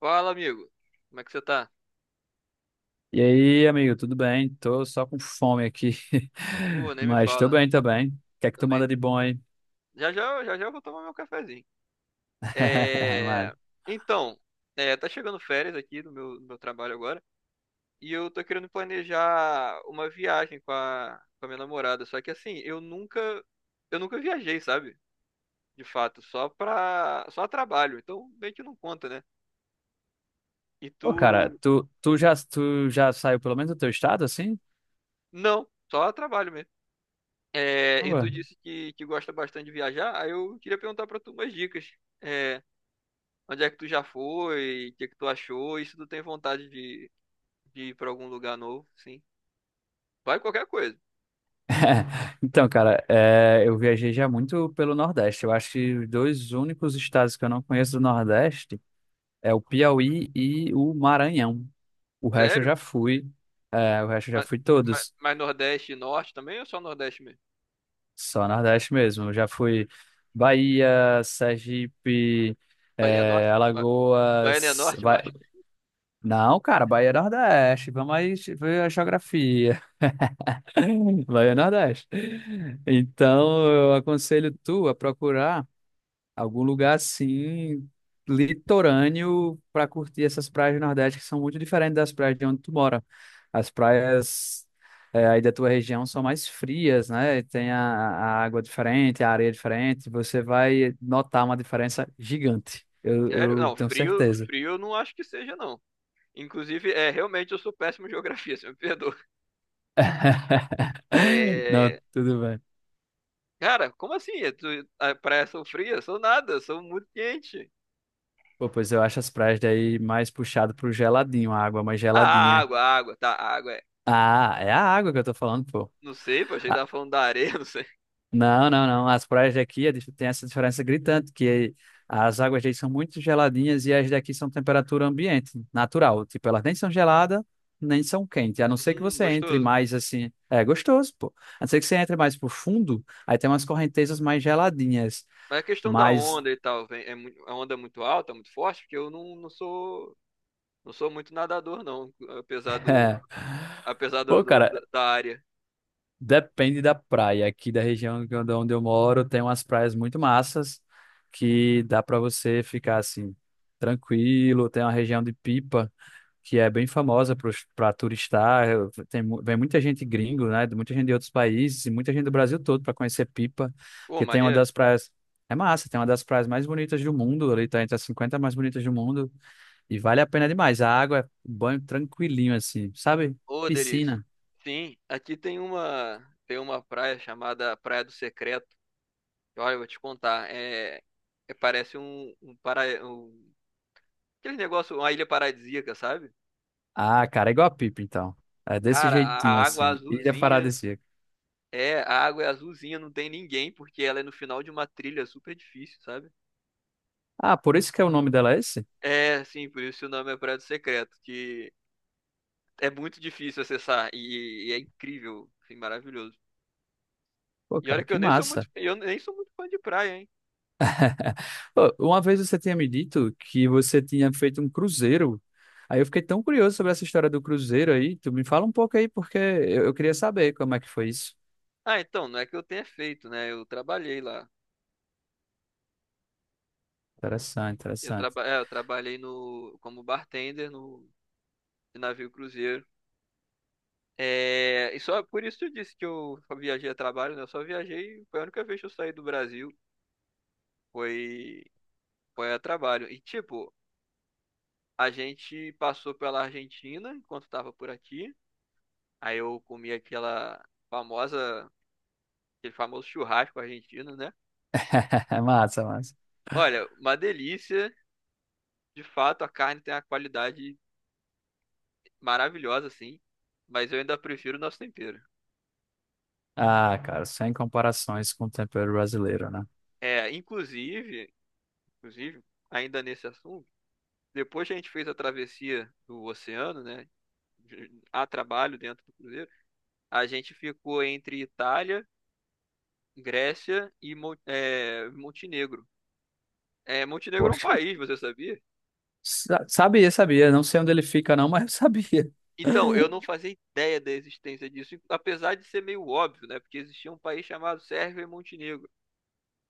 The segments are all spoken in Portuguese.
Fala, amigo. Como é que você tá? E aí, amigo, tudo bem? Tô só com fome aqui, Pô, nem me mas tô fala. bem, tô bem. O que é que tu Também. manda de bom aí? Já já, já já eu vou tomar meu cafezinho. Mano. É... Então, tá chegando férias aqui do meu trabalho agora. E eu tô querendo planejar uma viagem com a minha namorada. Só que assim, eu nunca viajei, sabe? De fato, só a trabalho. Então, meio que não conta, né? E tu. Ô, cara, tu já saiu pelo menos do teu estado, assim? Não, só a trabalho mesmo. É, Ah, e ué. tu disse que gosta bastante de viajar, aí eu queria perguntar pra tu umas dicas. É, Onde é que tu já foi? O que é que tu achou? E se tu tem vontade de ir pra algum lugar novo, sim. Vai qualquer coisa. Então, cara, eu viajei já muito pelo Nordeste. Eu acho que os dois únicos estados que eu não conheço do Nordeste é o Piauí e o Maranhão. O resto eu Sério? já fui, Mas, mas, todos. mas Nordeste e Norte também ou só Nordeste mesmo? Só Nordeste mesmo. Eu já fui Bahia, Sergipe, Bahia Norte? Bahia Alagoas. Norte, Vai... mas. Não, cara, Bahia é Nordeste. Vamos aí ver a geografia. Bahia é Nordeste. Então, eu aconselho tu a procurar algum lugar assim, litorâneo, para curtir essas praias do Nordeste que são muito diferentes das praias de onde tu mora. As praias aí da tua região são mais frias, né? Tem a água diferente, a areia diferente. Você vai notar uma diferença gigante. Eu, Sério? eu Não, tenho certeza. frio eu não acho que seja, não. Inclusive, realmente eu sou péssimo em geografia, você me perdoa. Não, É, tudo bem. cara, como assim? É tu, a praia são frias? Sou nada, sou muito quente. Pô, pois eu acho as praias daí mais puxado pro geladinho, a água mais Ah, geladinha. A água, tá, a água é. Ah, é a água que eu tô falando, pô. Não sei, pô, achei que tava falando da areia, não sei. Não, não, não. As praias daqui é tem essa diferença gritante, que as águas daí são muito geladinhas e as daqui são temperatura ambiente, natural. Tipo, elas nem são geladas, nem são quentes. A não ser que você entre Gostoso. mais assim. É gostoso, pô. A não ser que você entre mais pro fundo, aí tem umas correntezas mais geladinhas. Mas a questão da Mas, onda e tal, vem, a onda é muito alta, muito forte, porque eu não, não sou não sou muito nadador, não, apesar do é. apesar do, Pô, do- da cara, da área. depende da praia. Aqui da região onde eu moro, tem umas praias muito massas que dá pra você ficar assim, tranquilo. Tem uma região de Pipa, que é bem famosa para turistar. Vem muita gente gringo, né? de Muita gente de outros países e muita gente do Brasil todo para conhecer Pipa, Ô, porque tem uma maneiro. das praias. É massa, tem uma das praias mais bonitas do mundo, ali tá entre as 50 mais bonitas do mundo, e vale a pena demais. A água é um banho tranquilinho, assim, sabe? Ô, delícia. Piscina. Sim, aqui tem uma praia chamada Praia do Secreto. Olha, eu vou te contar, é- parece um aquele negócio, uma ilha paradisíaca, sabe? Ah, cara, é igual a Pipa, então. É desse Cara, jeitinho, assim. Ilha Paradisíaca. A água é azulzinha, não tem ninguém, porque ela é no final de uma trilha super difícil, sabe? Ah, por isso que é o nome dela é esse? É, sim, por isso o nome é Prédio Secreto, que é muito difícil acessar e é incrível, assim, maravilhoso. Pô, E cara, olha que que massa. eu nem sou muito fã de praia, hein? Pô, uma vez você tinha me dito que você tinha feito um cruzeiro. Aí eu fiquei tão curioso sobre essa história do cruzeiro aí. Tu me fala um pouco aí, porque eu queria saber como é que foi isso. Ah, então, não é que eu tenha feito, né? Eu trabalhei lá. Interessante, interessante. Eu trabalhei no como bartender no de navio cruzeiro. É, e só por isso eu disse que eu só viajei a trabalho, né? Eu só viajei, foi a única vez que eu saí do Brasil, foi foi a trabalho. E tipo, a gente passou pela Argentina enquanto tava por aqui. Aí eu comi famosa, aquele famoso churrasco argentino, né? Massa, massa. Olha, uma delícia. De fato, a carne tem uma qualidade maravilhosa, assim. Mas eu ainda prefiro o nosso tempero. Ah, cara, sem comparações com o tempero brasileiro, né? É, inclusive, ainda nesse assunto, depois que a gente fez a travessia do oceano, né? A trabalho dentro do cruzeiro, a gente ficou entre Itália, Grécia e Montenegro. É, Montenegro é um Poxa, país, você sabia? Sabia, sabia. Não sei onde ele fica, não, mas eu sabia. Então, eu não fazia ideia da existência disso, apesar de ser meio óbvio, né? Porque existia um país chamado Sérvia e Montenegro.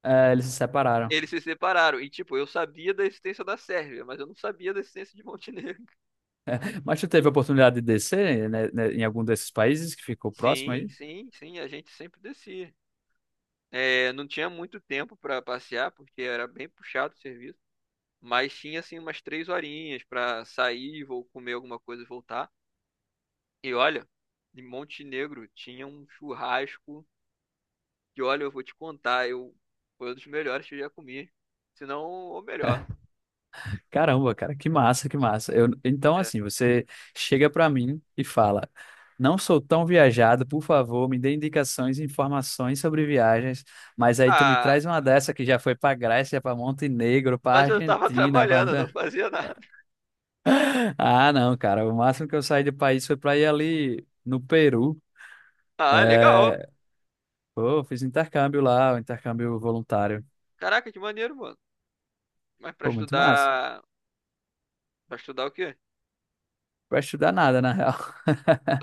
É, eles se separaram. Eles se separaram, e tipo, eu sabia da existência da Sérvia, mas eu não sabia da existência de Montenegro. Mas tu teve a oportunidade de descer, né, em algum desses países que ficou próximo Sim, aí? sim, sim, a gente sempre descia. É, não tinha muito tempo para passear, porque era bem puxado o serviço, mas tinha assim umas 3 horinhas para sair, vou comer alguma coisa e voltar. E olha, em Montenegro tinha um churrasco que olha, eu vou te contar, eu foi um dos melhores que eu já comi. Se não, o melhor. Caramba, cara, que massa, que massa. Eu, então, Né? assim, você chega pra mim e fala: Não sou tão viajado, por favor, me dê indicações e informações sobre viagens. Mas aí tu me Ah, traz uma dessa que já foi pra Grécia, pra Montenegro, pra mas eu tava Argentina. trabalhando, eu não fazia nada. Ah, não, cara, o máximo que eu saí do país foi pra ir ali no Peru. Ah, legal. É... Pô, fiz intercâmbio lá, um intercâmbio voluntário. Caraca, que maneiro, mano. Mas pra Pô, muito massa. estudar. Pra estudar o quê? Pra estudar nada, na real.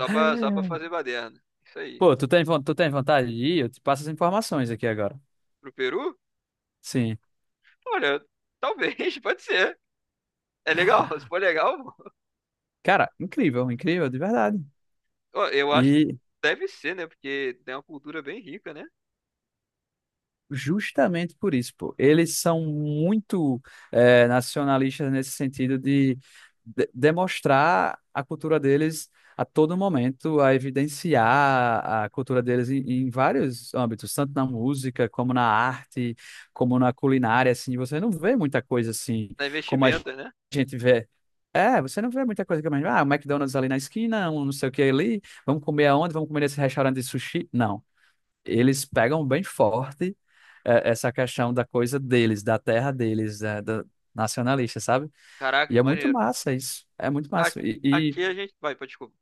Só pra fazer baderna. Isso aí. Pô, tu tem vontade de ir? Eu te passo as informações aqui agora. Pro Peru? Sim. Olha, talvez, pode ser. É legal, se for legal, Cara, incrível, incrível, de verdade. ó, eu acho que E, deve ser, né? Porque tem uma cultura bem rica, né? Justamente por isso, pô. Eles são muito nacionalistas nesse sentido de, demonstrar a cultura deles a todo momento, a evidenciar a cultura deles em vários âmbitos, tanto na música, como na arte, como na culinária, assim. Você não vê muita coisa assim Na como a investimentos, né? gente vê. É, você não vê muita coisa que o McDonald's ali na esquina, um não sei o que ali, vamos comer aonde, vamos comer nesse restaurante de sushi. Não eles pegam bem forte essa questão da coisa deles, da terra deles, nacionalista, sabe? Caraca, E é que muito maneiro. massa isso. É muito A- massa. Aqui a gente. Vai, pode desculpa.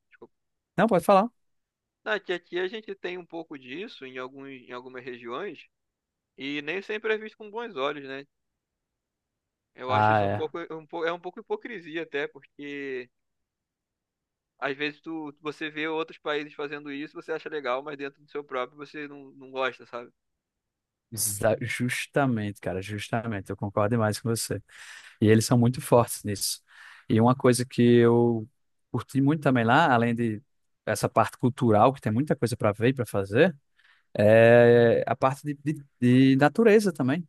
Não, pode falar. Ah, que aqui a gente tem um pouco disso em algumas regiões e nem sempre é visto com bons olhos, né? Eu acho Ah, isso é. É um pouco hipocrisia até, porque você vê outros países fazendo isso, você acha legal, mas dentro do seu próprio você não gosta, sabe? Justamente, cara, justamente. Eu concordo demais com você. E eles são muito fortes nisso. E uma coisa que eu curti muito também lá, além de essa parte cultural, que tem muita coisa para ver e para fazer, é a parte de, de natureza também.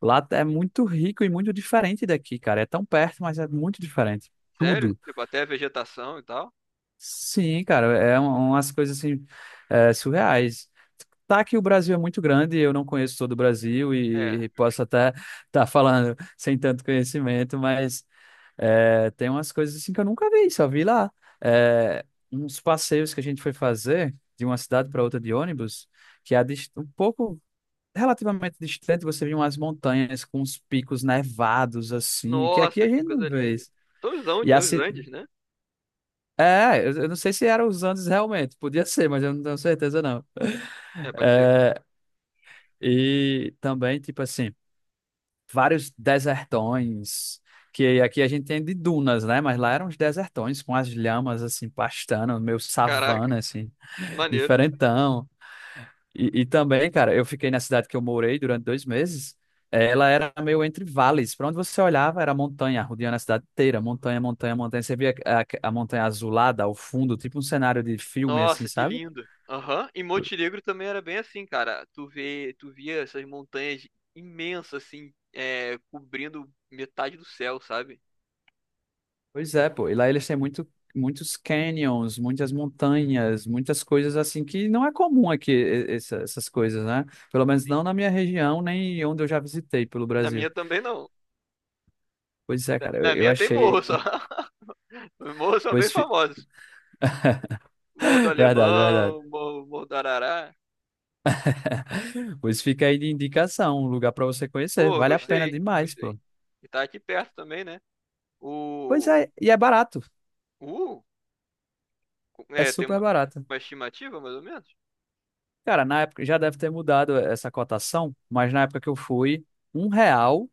Lá é Hum. muito rico e muito diferente daqui, cara. É tão perto, mas é muito diferente. Sério? Tudo. Tipo, até a vegetação e tal. Sim, cara, umas coisas assim, surreais. Tá que o Brasil é muito grande, eu não conheço todo o Brasil É, e posso justo. até estar falando sem tanto conhecimento, mas tem umas coisas assim que eu nunca vi, só vi lá. É, uns passeios que a gente foi fazer de uma cidade para outra de ônibus, que é um pouco relativamente distante, você vê umas montanhas com uns picos nevados, assim, que aqui Nossa, a que gente não coisa vê linda. isso. São E os assim, Andes, né? Eu não sei se eram os Andes realmente, podia ser, mas eu não tenho certeza, não. É, pode ser. É, e também, tipo assim, vários desertões, que aqui a gente tem de dunas, né? Mas lá eram os desertões, com as lhamas, assim, pastando, meio Caraca, savana, assim, maneiro. diferentão. E também, cara, eu fiquei na cidade que eu morei durante 2 meses. Ela era meio entre vales. Para onde você olhava era montanha, rodeando a cidade inteira, montanha, montanha, montanha. Você via a montanha azulada ao fundo, tipo um cenário de filme, assim, Nossa, que sabe? lindo. Aham. E Montenegro também era bem assim, cara. Tu via essas montanhas imensas assim, cobrindo metade do céu, sabe? Pois é, pô. E lá eles têm muitos canyons, muitas montanhas, muitas coisas assim que não é comum aqui, essas coisas, né? Pelo menos Sim. não na minha região, nem onde eu já visitei pelo Na Brasil. minha também não. Pois é, Na cara, eu, na eu minha tem morro achei. só. Os morros são bem Pois, famosos. Morro do verdade, verdade. Alemão, Morro do Arará. Pois fica aí de indicação, um lugar para você conhecer. Pô, Vale a pena gostei, demais, gostei. pô. E tá aqui perto também, né? Pois O, é, e é barato. uh, É é, tem super barato. uma estimativa mais ou menos? Cara, na época já deve ter mudado essa cotação, mas na época que eu fui, R$ 1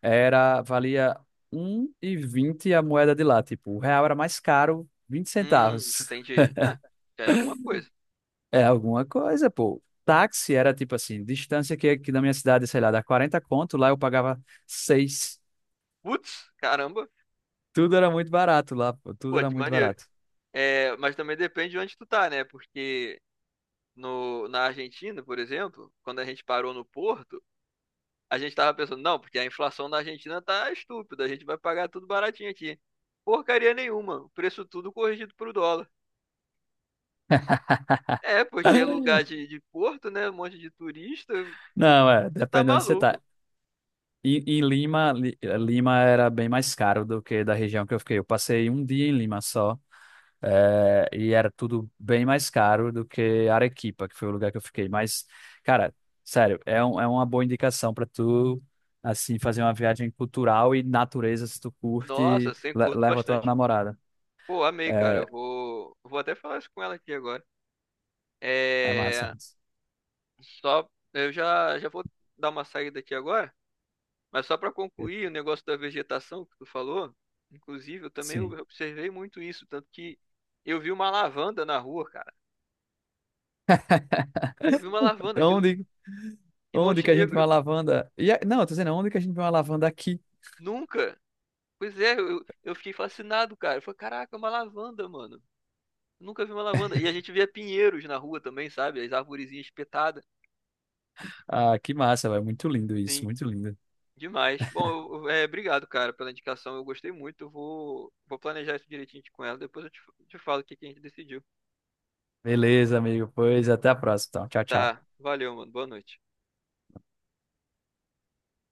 valia um e vinte a moeda de lá. Tipo, o real era mais caro, 20 Hum, centavos. entendi. Ah, já é alguma coisa. É alguma coisa, pô. Táxi era tipo assim, distância que aqui da minha cidade, sei lá, dá 40 conto, lá eu pagava seis. Putz, caramba. Tudo era muito barato lá, pô. Tudo Pô, era de muito maneiro. barato. É, mas também depende de onde tu tá, né? Porque no, na Argentina, por exemplo, quando a gente parou no Porto, a gente tava pensando, não, porque a inflação na Argentina tá estúpida, a gente vai pagar tudo baratinho aqui. Porcaria nenhuma, o preço tudo corrigido pro dólar. É, porque é lugar de porto, né? Um monte de turista, Não, é, você tá depende de onde você tá. maluco. Em Lima, Lima era bem mais caro do que da região que eu fiquei. Eu passei um dia em Lima só, e era tudo bem mais caro do que Arequipa, que foi o lugar que eu fiquei. Mas, cara, sério, é uma boa indicação para tu, assim, fazer uma viagem cultural e natureza, se tu Nossa, curte, sem curto leva a tua bastante. namorada. Pô, amei, cara. É, Vou até falar isso com ela aqui agora. é massa. É, só, já vou dar uma saída aqui agora. Mas só para concluir, o negócio da vegetação que tu falou, inclusive, eu também Sim. observei muito isso, tanto que eu vi uma lavanda na rua, cara. Eu vi uma lavanda, aquilo me... Onde, em onde que a gente vê uma Montenegro. lavanda? Não, eu tô dizendo, onde que a gente vê uma lavanda aqui? Nunca. Pois é, eu fiquei fascinado, cara. Eu falei, caraca, é uma lavanda, mano. Nunca vi uma lavanda. E a gente via pinheiros na rua também, sabe? As arvorezinhas espetadas. Ah, que massa, velho. Muito lindo isso, Sim, muito lindo. demais. Bom, obrigado, cara, pela indicação. Eu gostei muito. Vou planejar isso direitinho com ela. Depois te falo o que que a gente decidiu. Beleza, amigo. Pois até a próxima, então. Tchau, tchau. Tá, valeu, mano. Boa noite.